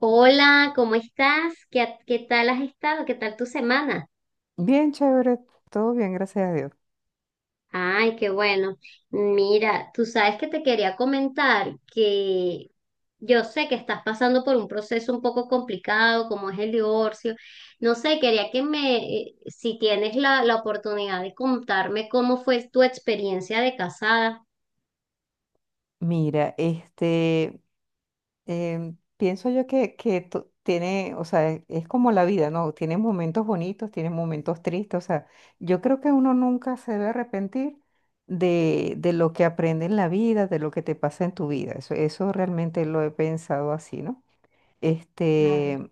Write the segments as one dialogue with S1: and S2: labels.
S1: Hola, ¿cómo estás? ¿Qué tal has estado? ¿Qué tal tu semana?
S2: Bien, chévere, todo bien, gracias a Dios.
S1: Ay, qué bueno. Mira, tú sabes que te quería comentar que yo sé que estás pasando por un proceso un poco complicado, como es el divorcio. No sé, si tienes la oportunidad de contarme cómo fue tu experiencia de casada.
S2: Mira, pienso yo que tiene, o sea, es como la vida, ¿no? Tiene momentos bonitos, tiene momentos tristes, o sea, yo creo que uno nunca se debe arrepentir de lo que aprende en la vida, de lo que te pasa en tu vida, eso realmente lo he pensado así, ¿no?
S1: Claro,
S2: Este,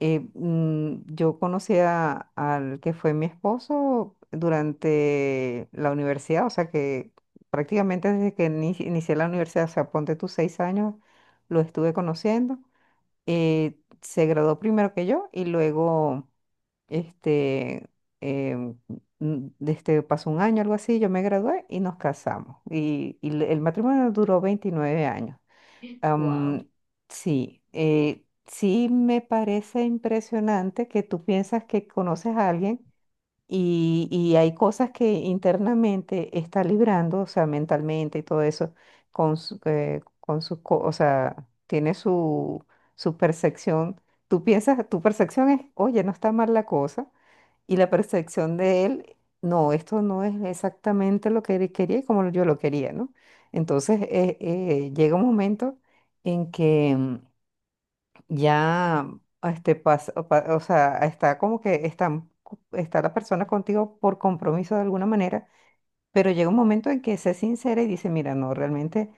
S2: yo conocí al que fue mi esposo durante la universidad, o sea que prácticamente desde que inicié la universidad, o sea, ponte tus 6 años, lo estuve conociendo. Se graduó primero que yo y luego, este, em, pasó un año, algo así, yo me gradué y nos casamos. Y el matrimonio duró 29 años.
S1: wow.
S2: Am, sí, sí me parece impresionante que tú piensas que conoces a alguien y hay cosas que internamente está librando, o sea, mentalmente y todo eso, con su, o sea, tiene su, su percepción. Tú piensas, tu percepción es, oye, no está mal la cosa, y la percepción de él, no, esto no es exactamente lo que él quería y como yo lo quería, ¿no? Entonces llega un momento en que ya pasa, o o sea, está como que está la persona contigo por compromiso de alguna manera, pero llega un momento en que se sincera y dice, mira, no, realmente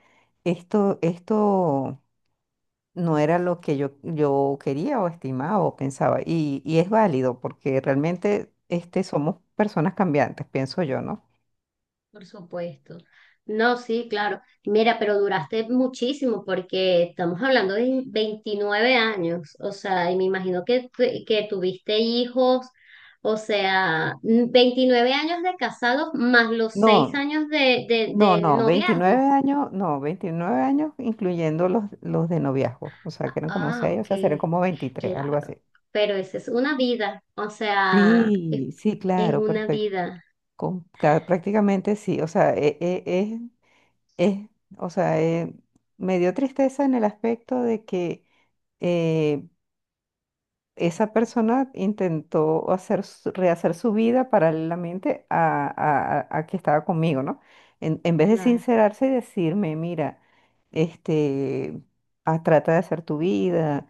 S2: esto no era lo que yo quería o estimaba o pensaba. Y es válido porque realmente somos personas cambiantes, pienso yo, ¿no?
S1: Por supuesto. No, sí, claro. Mira, pero duraste muchísimo porque estamos hablando de 29 años, o sea, y me imagino que, que tuviste hijos, o sea, 29 años de casados más los 6
S2: No,
S1: años de, de, de
S2: no, 29
S1: noviazgo.
S2: años, no, 29 años incluyendo los de noviazgo, o sea, que eran como
S1: Ah,
S2: seis, o
S1: ok,
S2: sea, serían como 23, algo
S1: claro.
S2: así.
S1: Pero esa es una vida,
S2: Sí, sí,
S1: es
S2: claro,
S1: una
S2: perfecto.
S1: vida,
S2: Prácticamente sí, o sea, es, o sea, me dio tristeza en el aspecto de que eh, esa persona intentó hacer, rehacer su vida paralelamente a que estaba conmigo, ¿no? En vez de
S1: claro.
S2: sincerarse y decirme, mira, este, ah, trata de hacer tu vida,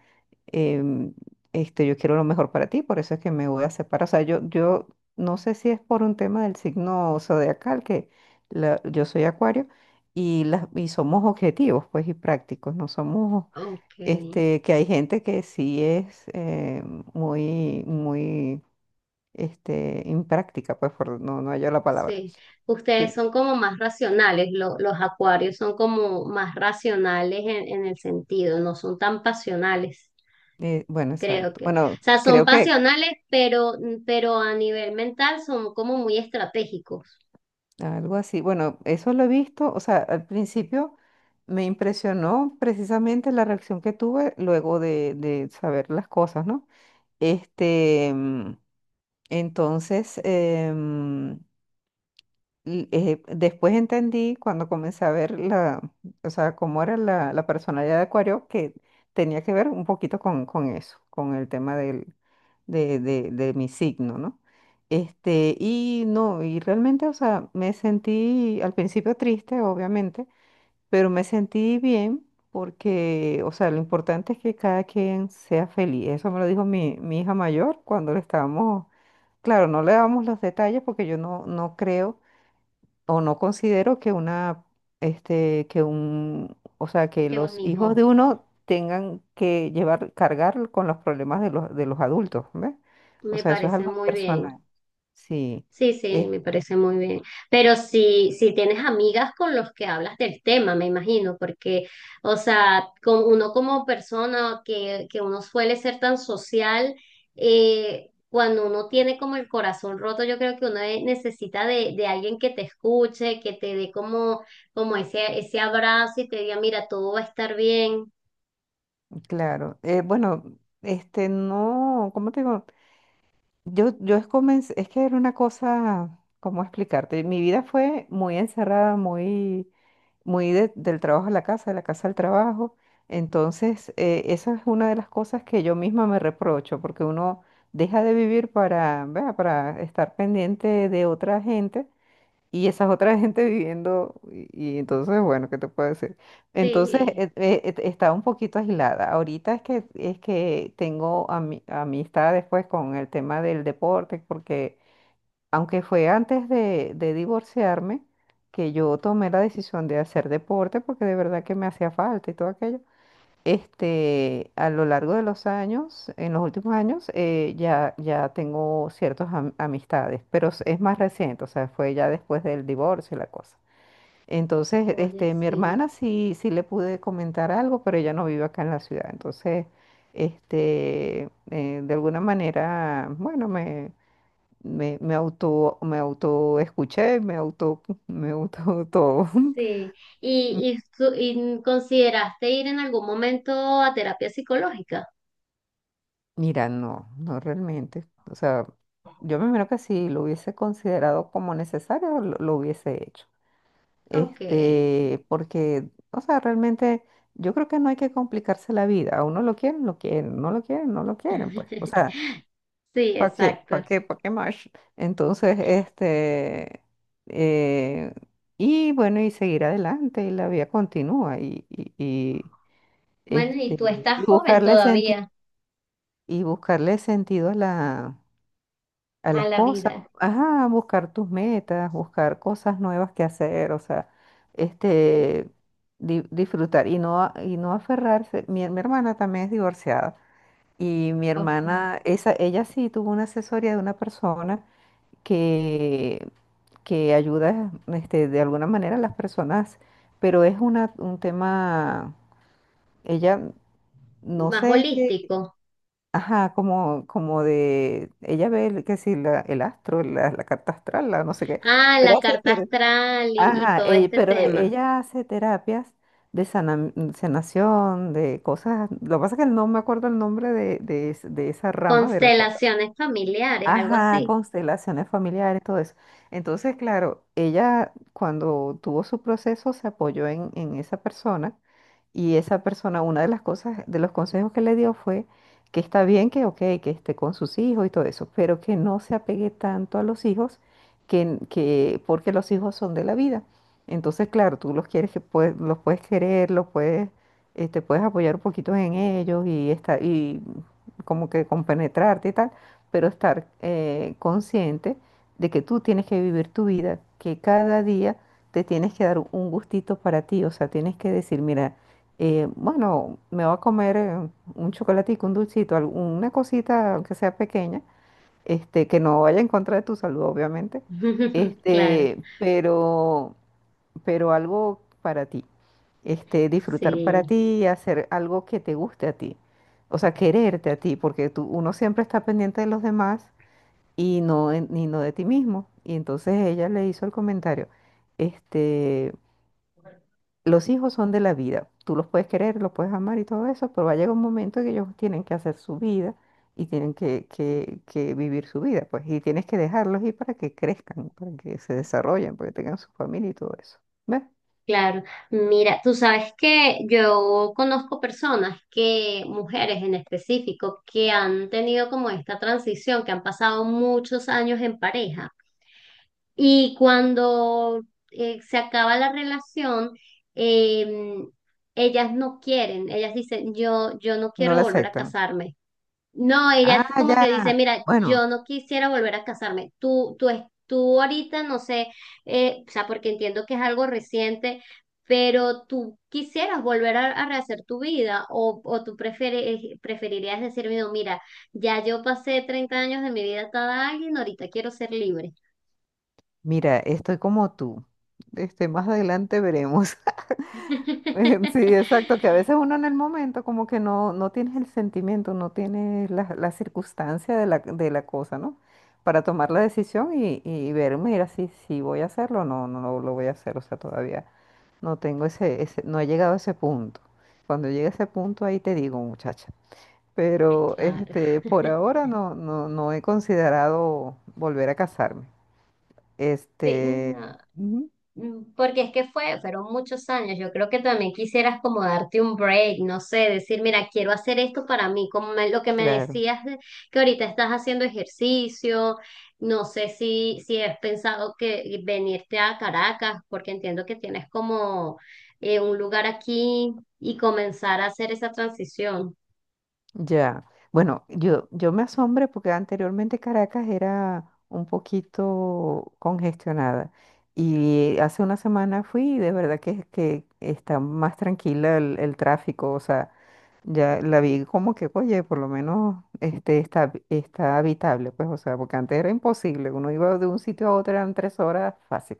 S2: em, yo quiero lo mejor para ti, por eso es que me voy a separar. O sea, yo no sé si es por un tema del signo zodiacal, que yo soy acuario, y somos objetivos, pues, y prácticos, no somos
S1: Ok.
S2: que hay gente que sí es muy, muy impráctica, pues, por no hallo la palabra.
S1: Sí, ustedes
S2: Sí,
S1: son como más racionales, los acuarios son como más racionales en el sentido, no son tan pasionales,
S2: bueno,
S1: creo
S2: exacto.
S1: que. O
S2: Bueno,
S1: sea, son
S2: creo que
S1: pasionales, pero a nivel mental son como muy estratégicos.
S2: algo así. Bueno, eso lo he visto. O sea, al principio me impresionó precisamente la reacción que tuve luego de saber las cosas, ¿no? Este, mm, entonces, em, después entendí cuando comencé a ver la, o sea, cómo era la, la personalidad de Acuario, que tenía que ver un poquito con eso, con el tema de mi signo, ¿no? Y realmente, o sea, me sentí al principio triste, obviamente, pero me sentí bien porque, o sea, lo importante es que cada quien sea feliz. Eso me lo dijo mi hija mayor cuando le estábamos, claro, no le dábamos los detalles porque yo no creo o no considero que una, o sea, que
S1: Qué
S2: los hijos
S1: bonito,
S2: de uno tengan que llevar, cargar con los problemas de los adultos, ¿ves? O
S1: me
S2: sea, eso es
S1: parece
S2: algo
S1: muy bien.
S2: personal. Sí,
S1: Sí, sí,
S2: eh,
S1: me parece muy bien. Pero si tienes amigas con los que hablas del tema, me imagino, porque, o sea, con uno como persona que uno suele ser tan social, cuando uno tiene como el corazón roto, yo creo que uno necesita de alguien que te escuche, que te dé como, como ese abrazo y te diga, mira, todo va a estar bien.
S2: claro. Bueno, no, ¿cómo te digo? Comencé, es que era una cosa, ¿cómo explicarte? Mi vida fue muy encerrada, muy muy del trabajo a la casa, de la casa al trabajo. Entonces, esa es una de las cosas que yo misma me reprocho, porque uno deja de vivir para, vea, para estar pendiente de otra gente y esas otras gente viviendo, y entonces, bueno, ¿qué te puedo decir? Entonces,
S1: Sí,
S2: estaba un poquito aislada. Ahorita es que tengo amistad después con el tema del deporte, porque aunque fue antes de divorciarme, que yo tomé la decisión de hacer deporte porque de verdad que me hacía falta y todo aquello. A lo largo de los años, en los últimos años, ya tengo ciertas amistades, pero es más reciente, o sea, fue ya después del divorcio y la cosa. Entonces,
S1: oye,
S2: mi
S1: sí.
S2: hermana sí, sí le pude comentar algo, pero ella no vive acá en la ciudad. Entonces, de alguna manera, bueno, me auto escuché, me auto, me auto todo.
S1: Sí. ¿Y, y, tú- y consideraste ir en algún momento a terapia psicológica?
S2: Mira, no, no realmente. O sea, yo me imagino que si lo hubiese considerado como necesario, lo hubiese hecho.
S1: Ok.
S2: Porque, o sea, realmente yo creo que no hay que complicarse la vida. A uno lo quieren, no lo quieren, no lo quieren, pues. O sea,
S1: Sí,
S2: ¿para qué?
S1: exacto.
S2: ¿Para qué? ¿Para qué más? Entonces, eh, y bueno, y seguir adelante, y la vida continúa,
S1: Bueno, y
S2: este,
S1: tú
S2: y
S1: estás joven
S2: buscarle sentido,
S1: todavía
S2: y buscarle sentido a la, a
S1: a
S2: las
S1: la
S2: cosas,
S1: vida.
S2: ajá, buscar tus metas, buscar cosas nuevas que hacer, o sea,
S1: Sí.
S2: este, disfrutar, y no, y no aferrarse, mi hermana también es divorciada, y mi
S1: Ok.
S2: hermana, esa, ella sí tuvo una asesoría de una persona, que, que ayuda de alguna manera a las personas, pero es una, un tema, ella no
S1: Más
S2: sé qué,
S1: holístico.
S2: ajá, como de, ella ve que si el astro, la carta astral, la no sé qué,
S1: Ah,
S2: pero
S1: la carta astral y
S2: ajá,
S1: todo este
S2: pero
S1: tema.
S2: ella hace terapias de sanación, de cosas, lo que pasa es que no me acuerdo el nombre de esa rama de la cosa.
S1: Constelaciones familiares, algo
S2: Ajá,
S1: así.
S2: constelaciones familiares, todo eso. Entonces, claro, ella cuando tuvo su proceso se apoyó en esa persona y esa persona, una de las cosas, de los consejos que le dio fue que está bien que, ok, que esté con sus hijos y todo eso, pero que no se apegue tanto a los hijos que porque los hijos son de la vida. Entonces, claro, tú los quieres que puedes, los puedes querer, los puedes, te puedes apoyar un poquito en ellos y está, y como que compenetrarte y tal, pero estar consciente de que tú tienes que vivir tu vida, que cada día te tienes que dar un gustito para ti, o sea, tienes que decir, mira, bueno, me voy a comer un chocolatico, un dulcito, una cosita, aunque sea pequeña, que no vaya en contra de tu salud, obviamente,
S1: Claro,
S2: este, pero, pero algo para ti, disfrutar para
S1: sí.
S2: ti, hacer algo que te guste a ti. O sea, quererte a ti, porque tú, uno siempre está pendiente de los demás y no de ti mismo. Y entonces ella le hizo el comentario, este, los hijos son de la vida, tú los puedes querer, los puedes amar y todo eso, pero va a llegar un momento que ellos tienen que hacer su vida y tienen que vivir su vida, pues, y tienes que dejarlos ir para que crezcan, para que se desarrollen, para que tengan su familia y todo eso. ¿Ves?
S1: Claro, mira, tú sabes que yo conozco personas que, mujeres en específico, que han tenido como esta transición, que han pasado muchos años en pareja y cuando se acaba la relación, eh, ellas no quieren, ellas dicen, yo no
S2: No
S1: quiero
S2: la
S1: volver a
S2: aceptan.
S1: casarme. No, ella es
S2: Ah,
S1: como que dice,
S2: ya.
S1: mira,
S2: Bueno,
S1: yo no quisiera volver a casarme. Tú ahorita, no sé, o sea, porque entiendo que es algo reciente, pero tú quisieras volver a rehacer tu vida o tú prefieres, preferirías decirme, no, mira, ya yo pasé 30 años de mi vida atada a alguien, ahorita quiero ser libre.
S2: mira, estoy como tú. Más adelante veremos. Sí, exacto, que a veces uno en el momento como que no, no tienes el sentimiento, no tienes la, la circunstancia de la cosa, ¿no? Para tomar la decisión y ver, mira, si voy a hacerlo o no, no lo voy a hacer, o sea, todavía no tengo ese, no he llegado a ese punto. Cuando llegue a ese punto ahí te digo, muchacha. Pero
S1: Claro.
S2: por ahora no he considerado volver a casarme.
S1: Sí,
S2: Este,
S1: no.
S2: ujú,
S1: Mm, porque es que fue, fueron muchos años. Yo creo que también quisieras como darte un break, no sé, decir, mira, quiero hacer esto para mí, lo que me
S2: claro.
S1: decías que ahorita estás haciendo ejercicio, no sé si has pensado que venirte a Caracas, porque entiendo que tienes como un lugar aquí y comenzar a hacer esa transición.
S2: Ya, bueno, yo me asombré porque anteriormente Caracas era un poquito congestionada y hace una semana fui y de verdad que está más tranquila el tráfico, o sea, ya la vi como que, oye, por lo menos está habitable, pues, o sea, porque antes era imposible, uno iba de un sitio a otro, eran 3 horas fácil,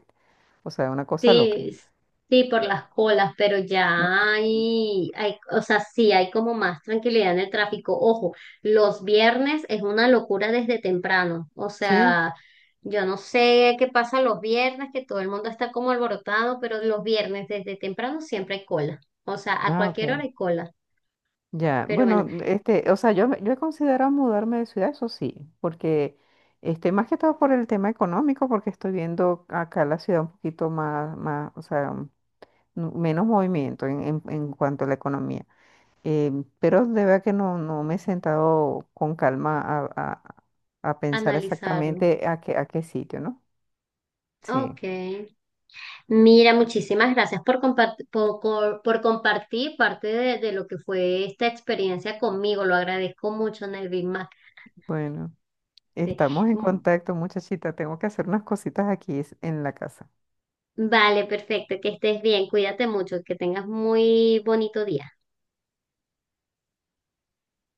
S2: o sea, una cosa loca.
S1: Sí, s- sí, por las colas, pero
S2: Mm,
S1: ya hay, o sea, sí, hay como más tranquilidad en el tráfico. Ojo, los viernes es una locura desde temprano. O
S2: Sí,
S1: sea, yo no sé qué pasa los viernes, que todo el mundo está como alborotado, pero los viernes desde temprano siempre hay cola. O sea, a cualquier hora
S2: ok.
S1: hay cola.
S2: Ya,
S1: Pero bueno,
S2: bueno, yo he considerado mudarme de ciudad, eso sí, porque, más que todo por el tema económico, porque estoy viendo acá la ciudad un poquito más, o sea, menos movimiento en cuanto a la economía. Eh, pero de verdad que no, no me he sentado con calma a pensar
S1: analizarlo.
S2: exactamente a qué sitio, ¿no? Sí,
S1: Ok. Mira, muchísimas gracias por, por compartir parte de lo que fue esta experiencia conmigo. Lo agradezco mucho, Nelvin.
S2: bueno,
S1: Que-
S2: estamos en contacto, muchachita, tengo que hacer unas cositas aquí en la casa.
S1: Vale, perfecto. Que estés bien. Cuídate mucho. Que tengas muy bonito día.